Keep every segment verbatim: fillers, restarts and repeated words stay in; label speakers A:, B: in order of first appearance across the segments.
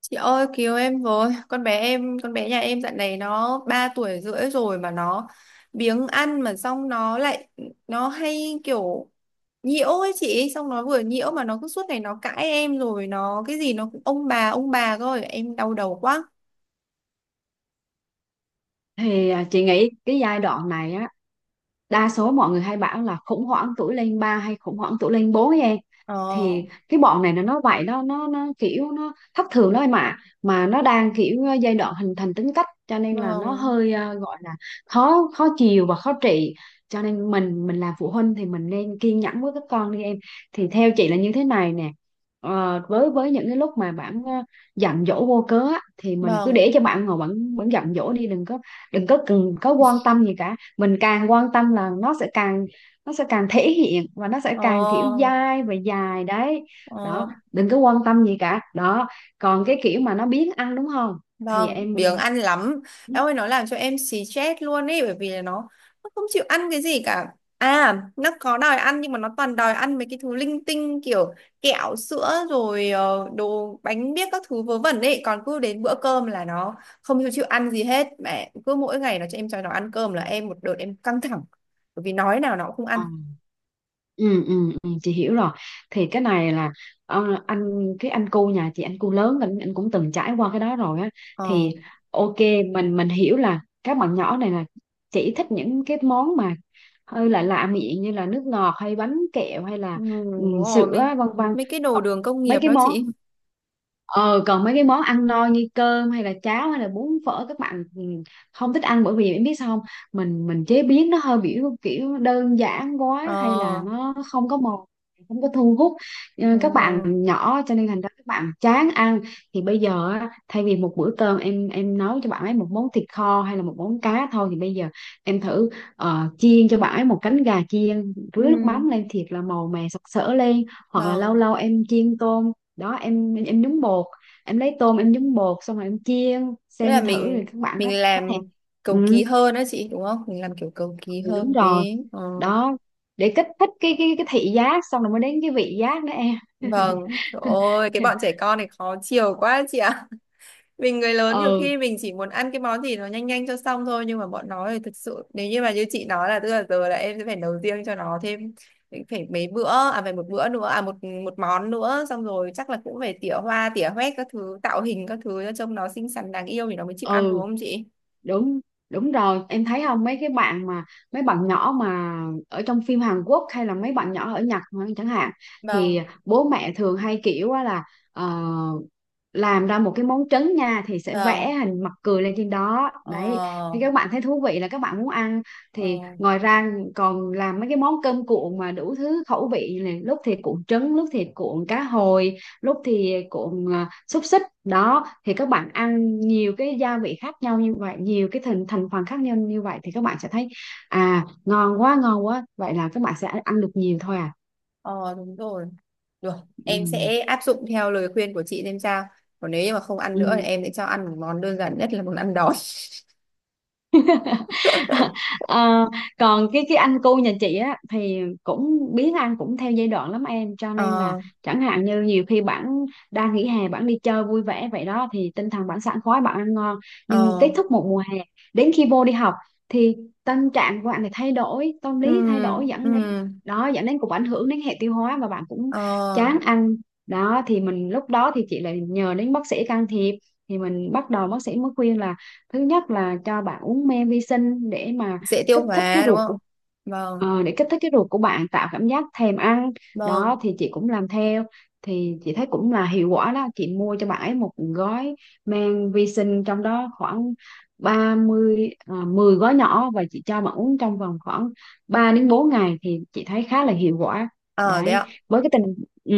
A: Chị ơi cứu em với, con bé em con bé nhà em dạo này nó ba tuổi rưỡi rồi mà nó biếng ăn, mà xong nó lại nó hay kiểu nhiễu ấy chị. Xong nó vừa nhiễu mà nó cứ suốt ngày nó cãi em, rồi nó cái gì nó cũng ông bà ông bà thôi, em đau đầu quá.
B: thì à, Chị nghĩ cái giai đoạn này á, đa số mọi người hay bảo là khủng hoảng tuổi lên ba hay khủng hoảng tuổi lên bốn em.
A: Ờ.
B: Thì cái bọn này là nó vậy đó, nó nó kiểu nó thất thường đó em ạ. Mà nó đang kiểu ờ, giai đoạn hình thành tính cách, cho nên là nó
A: Vâng.
B: hơi ờ, gọi là khó khó chiều và khó trị. Cho nên mình mình là phụ huynh thì mình nên kiên nhẫn với các con đi em. Thì theo chị là như thế này nè. Ờ, với với những cái lúc mà bạn ờ, giận dỗi vô cớ á, thì mình cứ
A: Vâng.
B: để cho bạn ngồi bạn bạn giận dỗi đi, đừng có đừng có cần có quan tâm gì cả, mình càng quan tâm là nó sẽ càng nó sẽ càng thể hiện và nó sẽ càng kiểu
A: Ờ.
B: dai và dài đấy.
A: Ờ.
B: Đó, đừng có quan tâm gì cả đó. Còn cái kiểu mà nó biếng ăn đúng không thì
A: Vâng,
B: em.
A: biếng ăn lắm. Em ơi, nó làm cho em xì chết luôn ý, bởi vì là nó nó không chịu ăn cái gì cả. À, nó có đòi ăn nhưng mà nó toàn đòi ăn mấy cái thứ linh tinh kiểu kẹo, sữa rồi ờ, đồ bánh biếc các thứ vớ vẩn ấy. Còn cứ đến bữa cơm là nó không chịu chịu ăn gì hết. Mẹ cứ mỗi ngày nó cho em cho nó ăn cơm là em một đợt em căng thẳng. Bởi vì nói nào nó cũng không ăn.
B: Ừ, ừ, ừ, chị hiểu rồi. Thì cái này là ờ, anh cái anh cu nhà chị, anh cu lớn, anh, anh cũng từng trải qua cái đó rồi á.
A: Ờ.
B: Thì ok, mình mình hiểu là các bạn nhỏ này là chỉ thích những cái món mà hơi là lạ miệng như là nước ngọt hay bánh kẹo hay
A: Ừ,
B: là ừ,
A: đúng rồi.
B: sữa
A: mấy,
B: vân vân.
A: mấy cái đồ
B: Còn
A: đường công nghiệp
B: mấy cái
A: đó
B: món
A: chị.
B: Ờ, Còn mấy cái món ăn no như cơm hay là cháo hay là bún phở, các bạn ừ, không thích ăn. Bởi vì em biết sao không? mình mình chế biến nó hơi kiểu kiểu đơn giản quá hay là
A: Ờ.
B: nó không có màu, không có thu hút ờ,
A: Ờ.
B: các bạn nhỏ, cho nên thành ra các bạn chán ăn. Thì bây giờ á, thay vì một bữa cơm em em nấu cho bạn ấy một món thịt kho hay là một món cá thôi, thì bây giờ em thử ờ, chiên cho bạn ấy một cánh gà chiên rưới nước
A: Ừ.
B: mắm lên thiệt là màu mè sặc sỡ lên. Hoặc là lâu
A: Vâng.
B: lâu em chiên tôm đó, em em nhúng bột em lấy tôm em nhúng bột xong rồi em chiên
A: Tức là
B: xem thử thì
A: mình
B: các bạn
A: mình
B: có có
A: làm
B: thèm.
A: cầu kỳ
B: Ừ.
A: hơn đó chị đúng không? Mình làm kiểu cầu kỳ
B: Ừ, đúng
A: hơn
B: rồi
A: tí. Ờ.
B: đó, để kích thích cái cái cái thị giác xong rồi mới đến cái vị giác nữa em.
A: Vâng. Trời ơi, cái bọn trẻ con này khó chiều quá chị ạ. Mình người lớn nhiều
B: Ừ,
A: khi mình chỉ muốn ăn cái món gì nó nhanh nhanh cho xong thôi, nhưng mà bọn nó thì thực sự nếu như mà như chị nói là tức là giờ là em sẽ phải nấu riêng cho nó thêm phải mấy bữa, à phải một bữa nữa, à một một món nữa. Xong rồi chắc là cũng phải tỉa hoa tỉa hoét các thứ, tạo hình các thứ cho trông nó xinh xắn đáng yêu thì nó mới chịu ăn đúng
B: ừ,
A: không chị?
B: đúng đúng rồi, em thấy không, mấy cái bạn mà mấy bạn nhỏ mà ở trong phim Hàn Quốc hay là mấy bạn nhỏ ở Nhật mà chẳng hạn,
A: Vâng.
B: thì bố mẹ thường hay kiểu á là ờ, làm ra một cái món trứng nha thì sẽ vẽ
A: Vâng.
B: hình mặt cười lên trên đó đấy, thì
A: Ờ.
B: các bạn thấy thú vị là các bạn muốn ăn. Thì
A: Ờ.
B: ngoài ra còn làm mấy cái món cơm cuộn mà đủ thứ khẩu vị này, lúc thì cuộn trứng lúc thì cuộn cá hồi lúc thì cuộn à, xúc xích đó, thì các bạn ăn nhiều cái gia vị khác nhau như vậy, nhiều cái thành thành phần khác nhau như vậy, thì các bạn sẽ thấy à ngon quá ngon quá, vậy là các bạn sẽ ăn được nhiều thôi à.
A: Ờ đúng rồi. Được, em
B: Ừ.
A: sẽ áp dụng theo lời khuyên của chị xem sao. Còn nếu như mà không ăn nữa thì
B: Ừ.
A: em sẽ cho ăn một món đơn giản nhất là món ăn đói.
B: Ờ, Còn cái cái anh cu nhà chị á thì cũng biết, anh cũng theo giai đoạn lắm em, cho nên là
A: Ờ.
B: chẳng hạn như nhiều khi bạn đang nghỉ hè bạn đi chơi vui vẻ vậy đó thì tinh thần bạn sảng khoái bạn ăn ngon, nhưng
A: ờ,
B: kết thúc một mùa hè đến khi vô đi học thì tâm trạng của bạn thì thay đổi, tâm lý thay đổi
A: ừm,
B: dẫn đến,
A: ừm,
B: đó dẫn đến cũng ảnh hưởng đến hệ tiêu hóa và bạn cũng
A: ờ,
B: chán ăn. Đó thì mình lúc đó thì chị lại nhờ đến bác sĩ can thiệp. Thì mình bắt đầu bác sĩ mới khuyên là thứ nhất là cho bạn uống men vi sinh để mà
A: Dễ tiêu
B: kích thích cái
A: hóa đúng
B: ruột
A: không?
B: của
A: Vâng.
B: ờ, để kích thích cái ruột của bạn, tạo cảm giác thèm ăn.
A: Vâng.
B: Đó thì chị cũng làm theo, thì chị thấy cũng là hiệu quả đó, chị mua cho bạn ấy một gói men vi sinh trong đó khoảng ba mươi à, mười gói nhỏ và chị cho bạn uống trong vòng khoảng ba đến bốn ngày thì chị thấy khá là hiệu quả.
A: Ờ, đấy
B: Đấy,
A: ạ.
B: với cái tình. Ừ,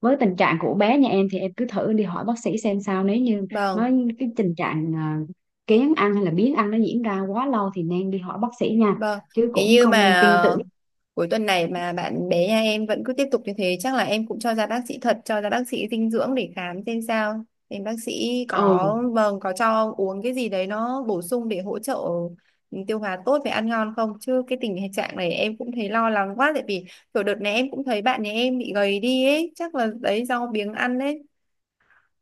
B: với tình trạng của bé nhà em thì em cứ thử đi hỏi bác sĩ xem sao, nếu như
A: Vâng.
B: nó cái tình trạng ờ, kén ăn hay là biếng ăn nó diễn ra quá lâu thì nên đi hỏi bác sĩ nha,
A: Vâng.
B: chứ
A: Thế
B: cũng
A: như
B: không nên
A: mà
B: tin tưởng.
A: cuối tuần này mà bạn bé nhà em vẫn cứ tiếp tục như thế chắc là em cũng cho ra bác sĩ thật, cho ra bác sĩ dinh dưỡng để khám xem sao, xem bác sĩ
B: Ừ.
A: có, vâng, có cho uống cái gì đấy nó bổ sung để hỗ trợ, ừ, tiêu hóa tốt và ăn ngon không. Chứ cái tình trạng này em cũng thấy lo lắng quá tại vì kiểu đợt này em cũng thấy bạn nhà em bị gầy đi ấy, chắc là đấy do biếng ăn đấy.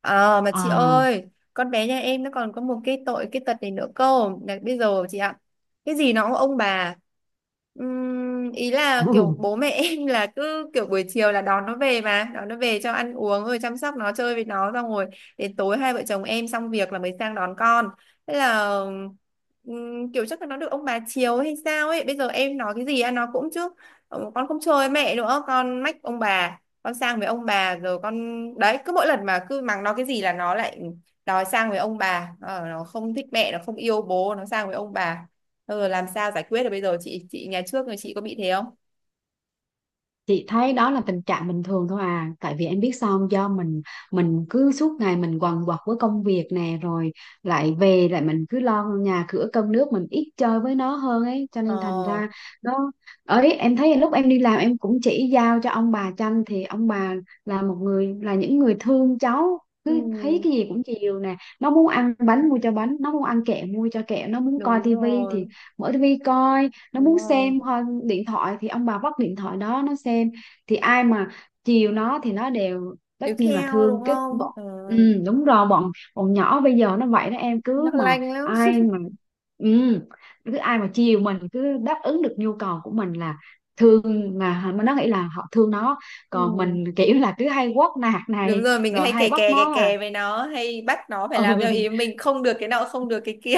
A: Ờ mà chị
B: À.
A: ơi, con bé nhà em nó còn có một cái tội cái tật này nữa cơ. Là bây giờ chị ạ, cái gì nó cũng ông bà. Ừm, ý là kiểu bố mẹ em là cứ kiểu buổi chiều là đón nó về mà, đón nó về cho ăn uống rồi chăm sóc nó chơi với nó xong rồi đến tối hai vợ chồng em xong việc là mới sang đón con. Thế là ừm, kiểu chắc là nó được ông bà chiều hay sao ấy. Bây giờ em nói cái gì ăn nó cũng chứ. Ờ, con không chơi với mẹ nữa, con mách ông bà, con sang với ông bà rồi con. Đấy cứ mỗi lần mà cứ mắng nó cái gì là nó lại đòi sang với ông bà, ờ, nó không thích mẹ nó không yêu bố nó sang với ông bà. Ờ, làm sao giải quyết được bây giờ chị chị nhà trước rồi chị có bị thế không?
B: Chị thấy đó là tình trạng bình thường thôi à, tại vì em biết sao không? Do mình mình cứ suốt ngày mình quằn quật với công việc nè, rồi lại về lại mình cứ lo nhà cửa cơm nước, mình ít chơi với nó hơn ấy, cho nên thành
A: Ờ.
B: ra nó ấy. Em thấy lúc em đi làm em cũng chỉ giao cho ông bà chăm, thì ông bà là một người là những người thương cháu,
A: Ừ,
B: cứ thấy cái gì cũng chiều nè, nó muốn ăn bánh mua cho bánh, nó muốn ăn kẹo mua cho kẹo, nó muốn coi
A: đúng
B: tivi
A: rồi
B: thì mở tivi coi, nó
A: đúng
B: muốn
A: rồi.
B: xem hoa- điện thoại thì ông bà vắt điện thoại đó nó xem. Thì ai mà chiều nó thì nó đều tất
A: Tiếp
B: nhiên là
A: theo
B: thương
A: đúng
B: cái
A: không?
B: bọn.
A: Ừ,
B: Ừ, đúng rồi, bọn bọn nhỏ bây giờ nó vậy đó em,
A: nó
B: cứ mà
A: lanh lắm.
B: ai mà ừ, cứ ai mà chiều mình, cứ đáp ứng được nhu cầu của mình là thương, mà nó nghĩ là họ thương nó. Còn
A: Ừ.
B: mình kiểu là cứ hay quát nạt
A: Đúng
B: này
A: rồi, mình
B: rồi
A: hay kè
B: hay bắt
A: kè kè
B: nó à,
A: kè với nó, hay bắt nó phải làm theo
B: ừ
A: ý mình, không được cái nọ không được cái kia.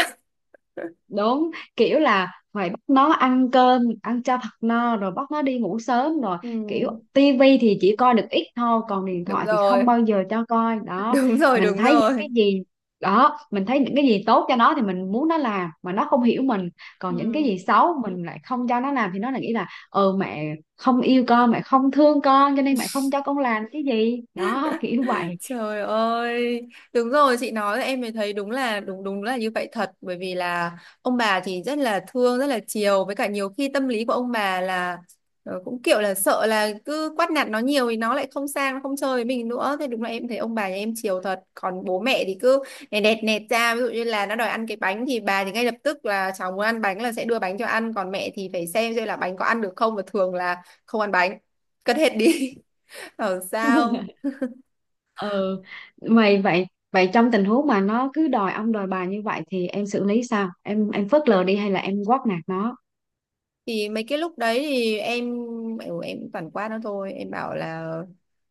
B: đúng, kiểu là phải bắt nó ăn cơm ăn cho thật no rồi bắt nó đi ngủ sớm rồi,
A: Ừ.
B: kiểu tivi thì chỉ coi được ít thôi còn điện
A: Đúng
B: thoại thì không
A: rồi.
B: bao giờ cho coi đó.
A: Đúng rồi
B: Mình
A: đúng
B: thấy những
A: rồi.
B: cái gì, đó mình thấy những cái gì tốt cho nó thì mình muốn nó làm mà nó không hiểu mình, còn những cái
A: Ừ.
B: gì xấu mình lại không cho nó làm thì nó lại nghĩ là ừ mẹ không yêu con, mẹ không thương con, cho nên mẹ không cho con làm cái gì đó kiểu vậy.
A: Trời ơi, đúng rồi chị nói là em mới thấy đúng là, đúng đúng là như vậy thật, bởi vì là ông bà thì rất là thương rất là chiều, với cả nhiều khi tâm lý của ông bà là ờ, cũng kiểu là sợ là cứ quát nạt nó nhiều thì nó lại không sang nó không chơi với mình nữa. Thế đúng là em thấy ông bà nhà em chiều thật, còn bố mẹ thì cứ nẹt nẹt nẹt ra, ví dụ như là nó đòi ăn cái bánh thì bà thì ngay lập tức là cháu muốn ăn bánh là sẽ đưa bánh cho ăn, còn mẹ thì phải xem xem là bánh có ăn được không và thường là không ăn bánh cất hết đi. Bảo sao.
B: Ừ mày vậy, vậy trong tình huống mà nó cứ đòi ông đòi bà như vậy thì em xử lý sao, em em phớt lờ đi hay là em quát nạt nó?
A: Thì mấy cái lúc đấy thì em, ừ, em cũng toàn qua nó thôi, em bảo là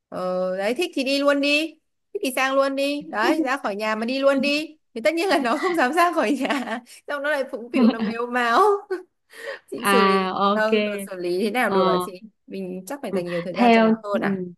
A: ờ, đấy thích thì đi luôn đi, thích thì sang luôn đi, đấy ra khỏi nhà mà đi luôn đi thì tất nhiên là nó không dám ra khỏi nhà. Xong nó lại phụng phịu nó mếu máo. Chị xử lý,
B: À ok.
A: vâng, rồi xử lý thế nào được hả
B: ờ
A: chị? Mình chắc phải
B: ừ.
A: dành nhiều thời gian cho nó
B: Theo
A: hơn à?
B: ừ.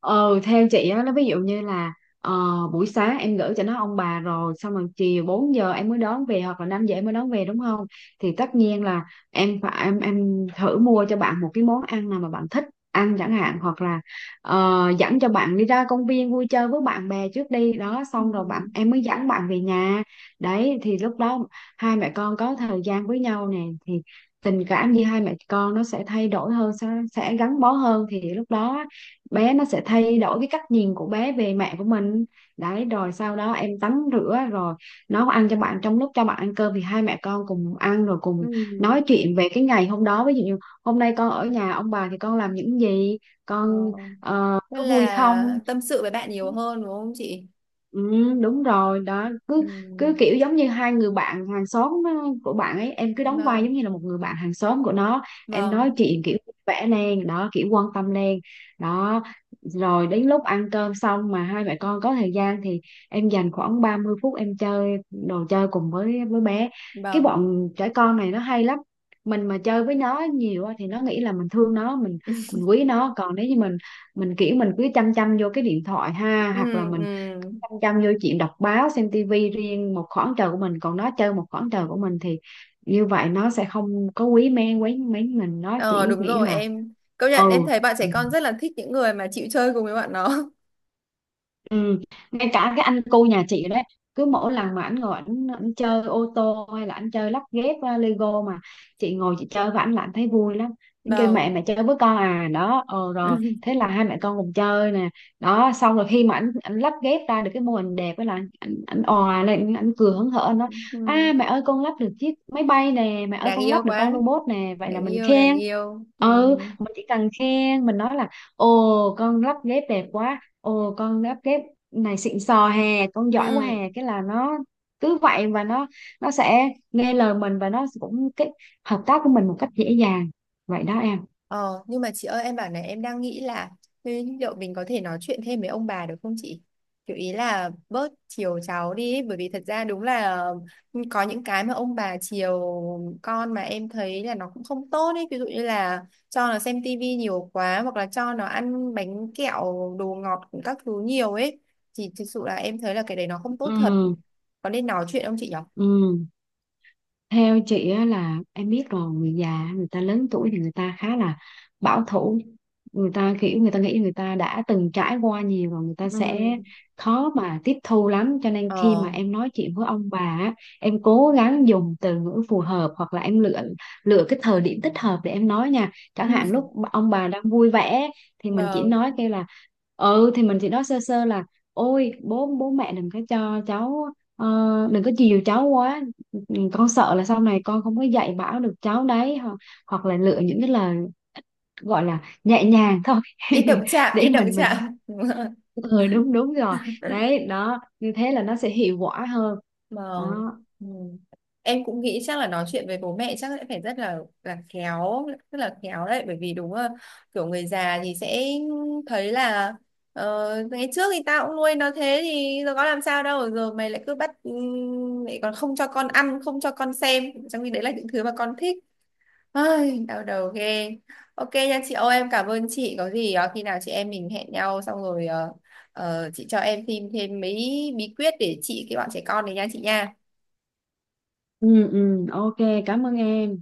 B: ờ Theo chị á, nó ví dụ như là ờ, buổi sáng em gửi cho nó ông bà rồi, xong rồi chiều bốn giờ em mới đón về hoặc là năm giờ em mới đón về đúng không, thì tất nhiên là em phải em em thử mua cho bạn một cái món ăn nào mà bạn thích ăn chẳng hạn, hoặc là ờ, dẫn cho bạn đi ra công viên vui chơi với bạn bè trước đi đó, xong rồi bạn
A: Ừ.
B: em mới dẫn bạn về nhà. Đấy thì lúc đó hai mẹ con có thời gian với nhau nè, thì tình cảm giữa hai mẹ con nó sẽ thay đổi hơn, sẽ, sẽ gắn bó hơn, thì lúc đó bé nó sẽ thay đổi cái cách nhìn của bé về mẹ của mình. Đấy rồi sau đó em tắm rửa rồi nấu ăn cho bạn, trong lúc cho bạn ăn cơm thì hai mẹ con cùng ăn rồi
A: Ừ.
B: cùng nói chuyện về cái ngày hôm đó, ví dụ như hôm nay con ở nhà ông bà thì con làm những gì,
A: Ờ.
B: con ờ,
A: Tức
B: có vui không.
A: là tâm sự với bạn nhiều hơn đúng không chị?
B: Ừ, đúng rồi đó,
A: Ừ.
B: cứ cứ kiểu giống như hai người bạn hàng xóm uh, của bạn ấy, em cứ đóng vai
A: Vâng.
B: giống như là một người bạn hàng xóm của nó, em
A: Vâng.
B: nói chuyện kiểu vẽ lên đó kiểu quan tâm lên đó. Rồi đến lúc ăn cơm xong mà hai mẹ con có thời gian thì em dành khoảng ba mươi phút em chơi đồ chơi cùng với với bé. Cái
A: Vâng.
B: bọn trẻ con này nó hay lắm, mình mà chơi với nó nhiều á thì nó nghĩ là mình thương nó, mình mình quý nó. Còn nếu như mình mình kiểu mình cứ chăm chăm vô cái điện thoại, ha, hoặc là
A: Ừ.
B: mình
A: Ừ.
B: chăm chăm vô chuyện đọc báo xem tivi, riêng một khoảng trời của mình, còn nó chơi một khoảng trời của mình thì như vậy nó sẽ không có quý men quý mến mình, nó
A: Ờ
B: chỉ
A: đúng
B: nghĩ
A: rồi,
B: là
A: em công nhận em
B: ừ.
A: thấy bạn trẻ con rất là thích những người mà chịu chơi cùng với bạn nó.
B: Ừ. Ngay cả cái anh cu nhà chị đấy, cứ mỗi lần mà ảnh ngồi ảnh ảnh chơi ô tô hay là ảnh chơi lắp ghép uh, Lego mà chị ngồi chị chơi với ảnh là ảnh thấy vui lắm. Ảnh kêu
A: Vâng.
B: mẹ mẹ chơi với con, à đó, ờ rồi thế là hai mẹ con cùng chơi nè. Đó xong rồi khi mà ảnh ảnh lắp ghép ra được cái mô hình đẹp ấy là ảnh ảnh òa lên, ảnh cười hớn hở, ảnh nói
A: Ừ.
B: à mẹ ơi con lắp được chiếc máy bay nè, mẹ ơi
A: Đáng
B: con
A: yêu
B: lắp được
A: quá.
B: con robot nè, vậy là
A: Đáng
B: mình
A: yêu, đáng
B: khen.
A: yêu, ừ.
B: Ừ, mình chỉ cần khen mình nói là ồ con lắp ghép đẹp quá, ồ con đáp kép này xịn sò hè, con giỏi quá
A: Ừ.
B: hè, cái là nó cứ vậy, và nó nó sẽ nghe lời mình và nó cũng cái hợp tác của mình một cách dễ dàng, vậy đó em.
A: Ờ, nhưng mà chị ơi em bảo này em đang nghĩ là thế liệu mình có thể nói chuyện thêm với ông bà được không chị? Kiểu ý là bớt chiều cháu đi ấy, bởi vì thật ra đúng là, ừ, có những cái mà ông bà chiều con mà em thấy là nó cũng không tốt ấy. Ví dụ như là cho nó xem tivi nhiều quá, hoặc là cho nó ăn bánh kẹo, đồ ngọt các thứ nhiều ấy. Thì thực sự là em thấy là cái đấy nó không tốt thật.
B: Ừ.
A: Có nên nói chuyện không chị nhỉ?
B: Ừ, theo chị á là em biết rồi, người già người ta lớn tuổi thì người ta khá là bảo thủ, người ta kiểu người ta nghĩ người ta đã từng trải qua nhiều và người ta
A: Ừ.
B: sẽ khó mà tiếp thu lắm, cho nên khi
A: Ờ,
B: mà em nói chuyện với ông bà á, em cố gắng dùng từ ngữ phù hợp hoặc là em lựa lựa cái thời điểm thích hợp để em nói nha.
A: ừ,
B: Chẳng hạn lúc ông bà đang vui vẻ thì mình chỉ
A: vâng.
B: nói kêu là, ừ thì mình chỉ nói sơ sơ là ôi bố bố mẹ đừng có cho cháu ờ, đừng có chiều cháu quá. Ừ, con sợ là sau này con không có dạy bảo được cháu đấy, hoặc, hoặc là lựa những cái lời gọi là nhẹ nhàng thôi.
A: Ít động chạm, ít
B: Để
A: động
B: mình mình
A: chạm.
B: ừ, đúng đúng rồi, đấy đó như thế là nó sẽ hiệu quả hơn
A: Vâng.
B: đó.
A: Ừ. Em cũng nghĩ chắc là nói chuyện với bố mẹ chắc sẽ phải rất là là khéo, rất là khéo đấy, bởi vì đúng là kiểu người già thì sẽ thấy là ờ, ngày trước thì tao cũng nuôi nó thế thì giờ có làm sao đâu, giờ mày lại cứ bắt, ừm, lại còn không cho con ăn, không cho con xem, trong khi đấy là những thứ mà con thích. Ai, đau đầu ghê. Ok nha chị ơi, em cảm ơn chị. Có gì ờ, khi nào chị em mình hẹn nhau xong rồi ờ, ờ, chị cho em thêm thêm mấy bí quyết để trị cái bọn trẻ con này nha chị nha.
B: Ừ. Ừ, ok, cảm ơn em.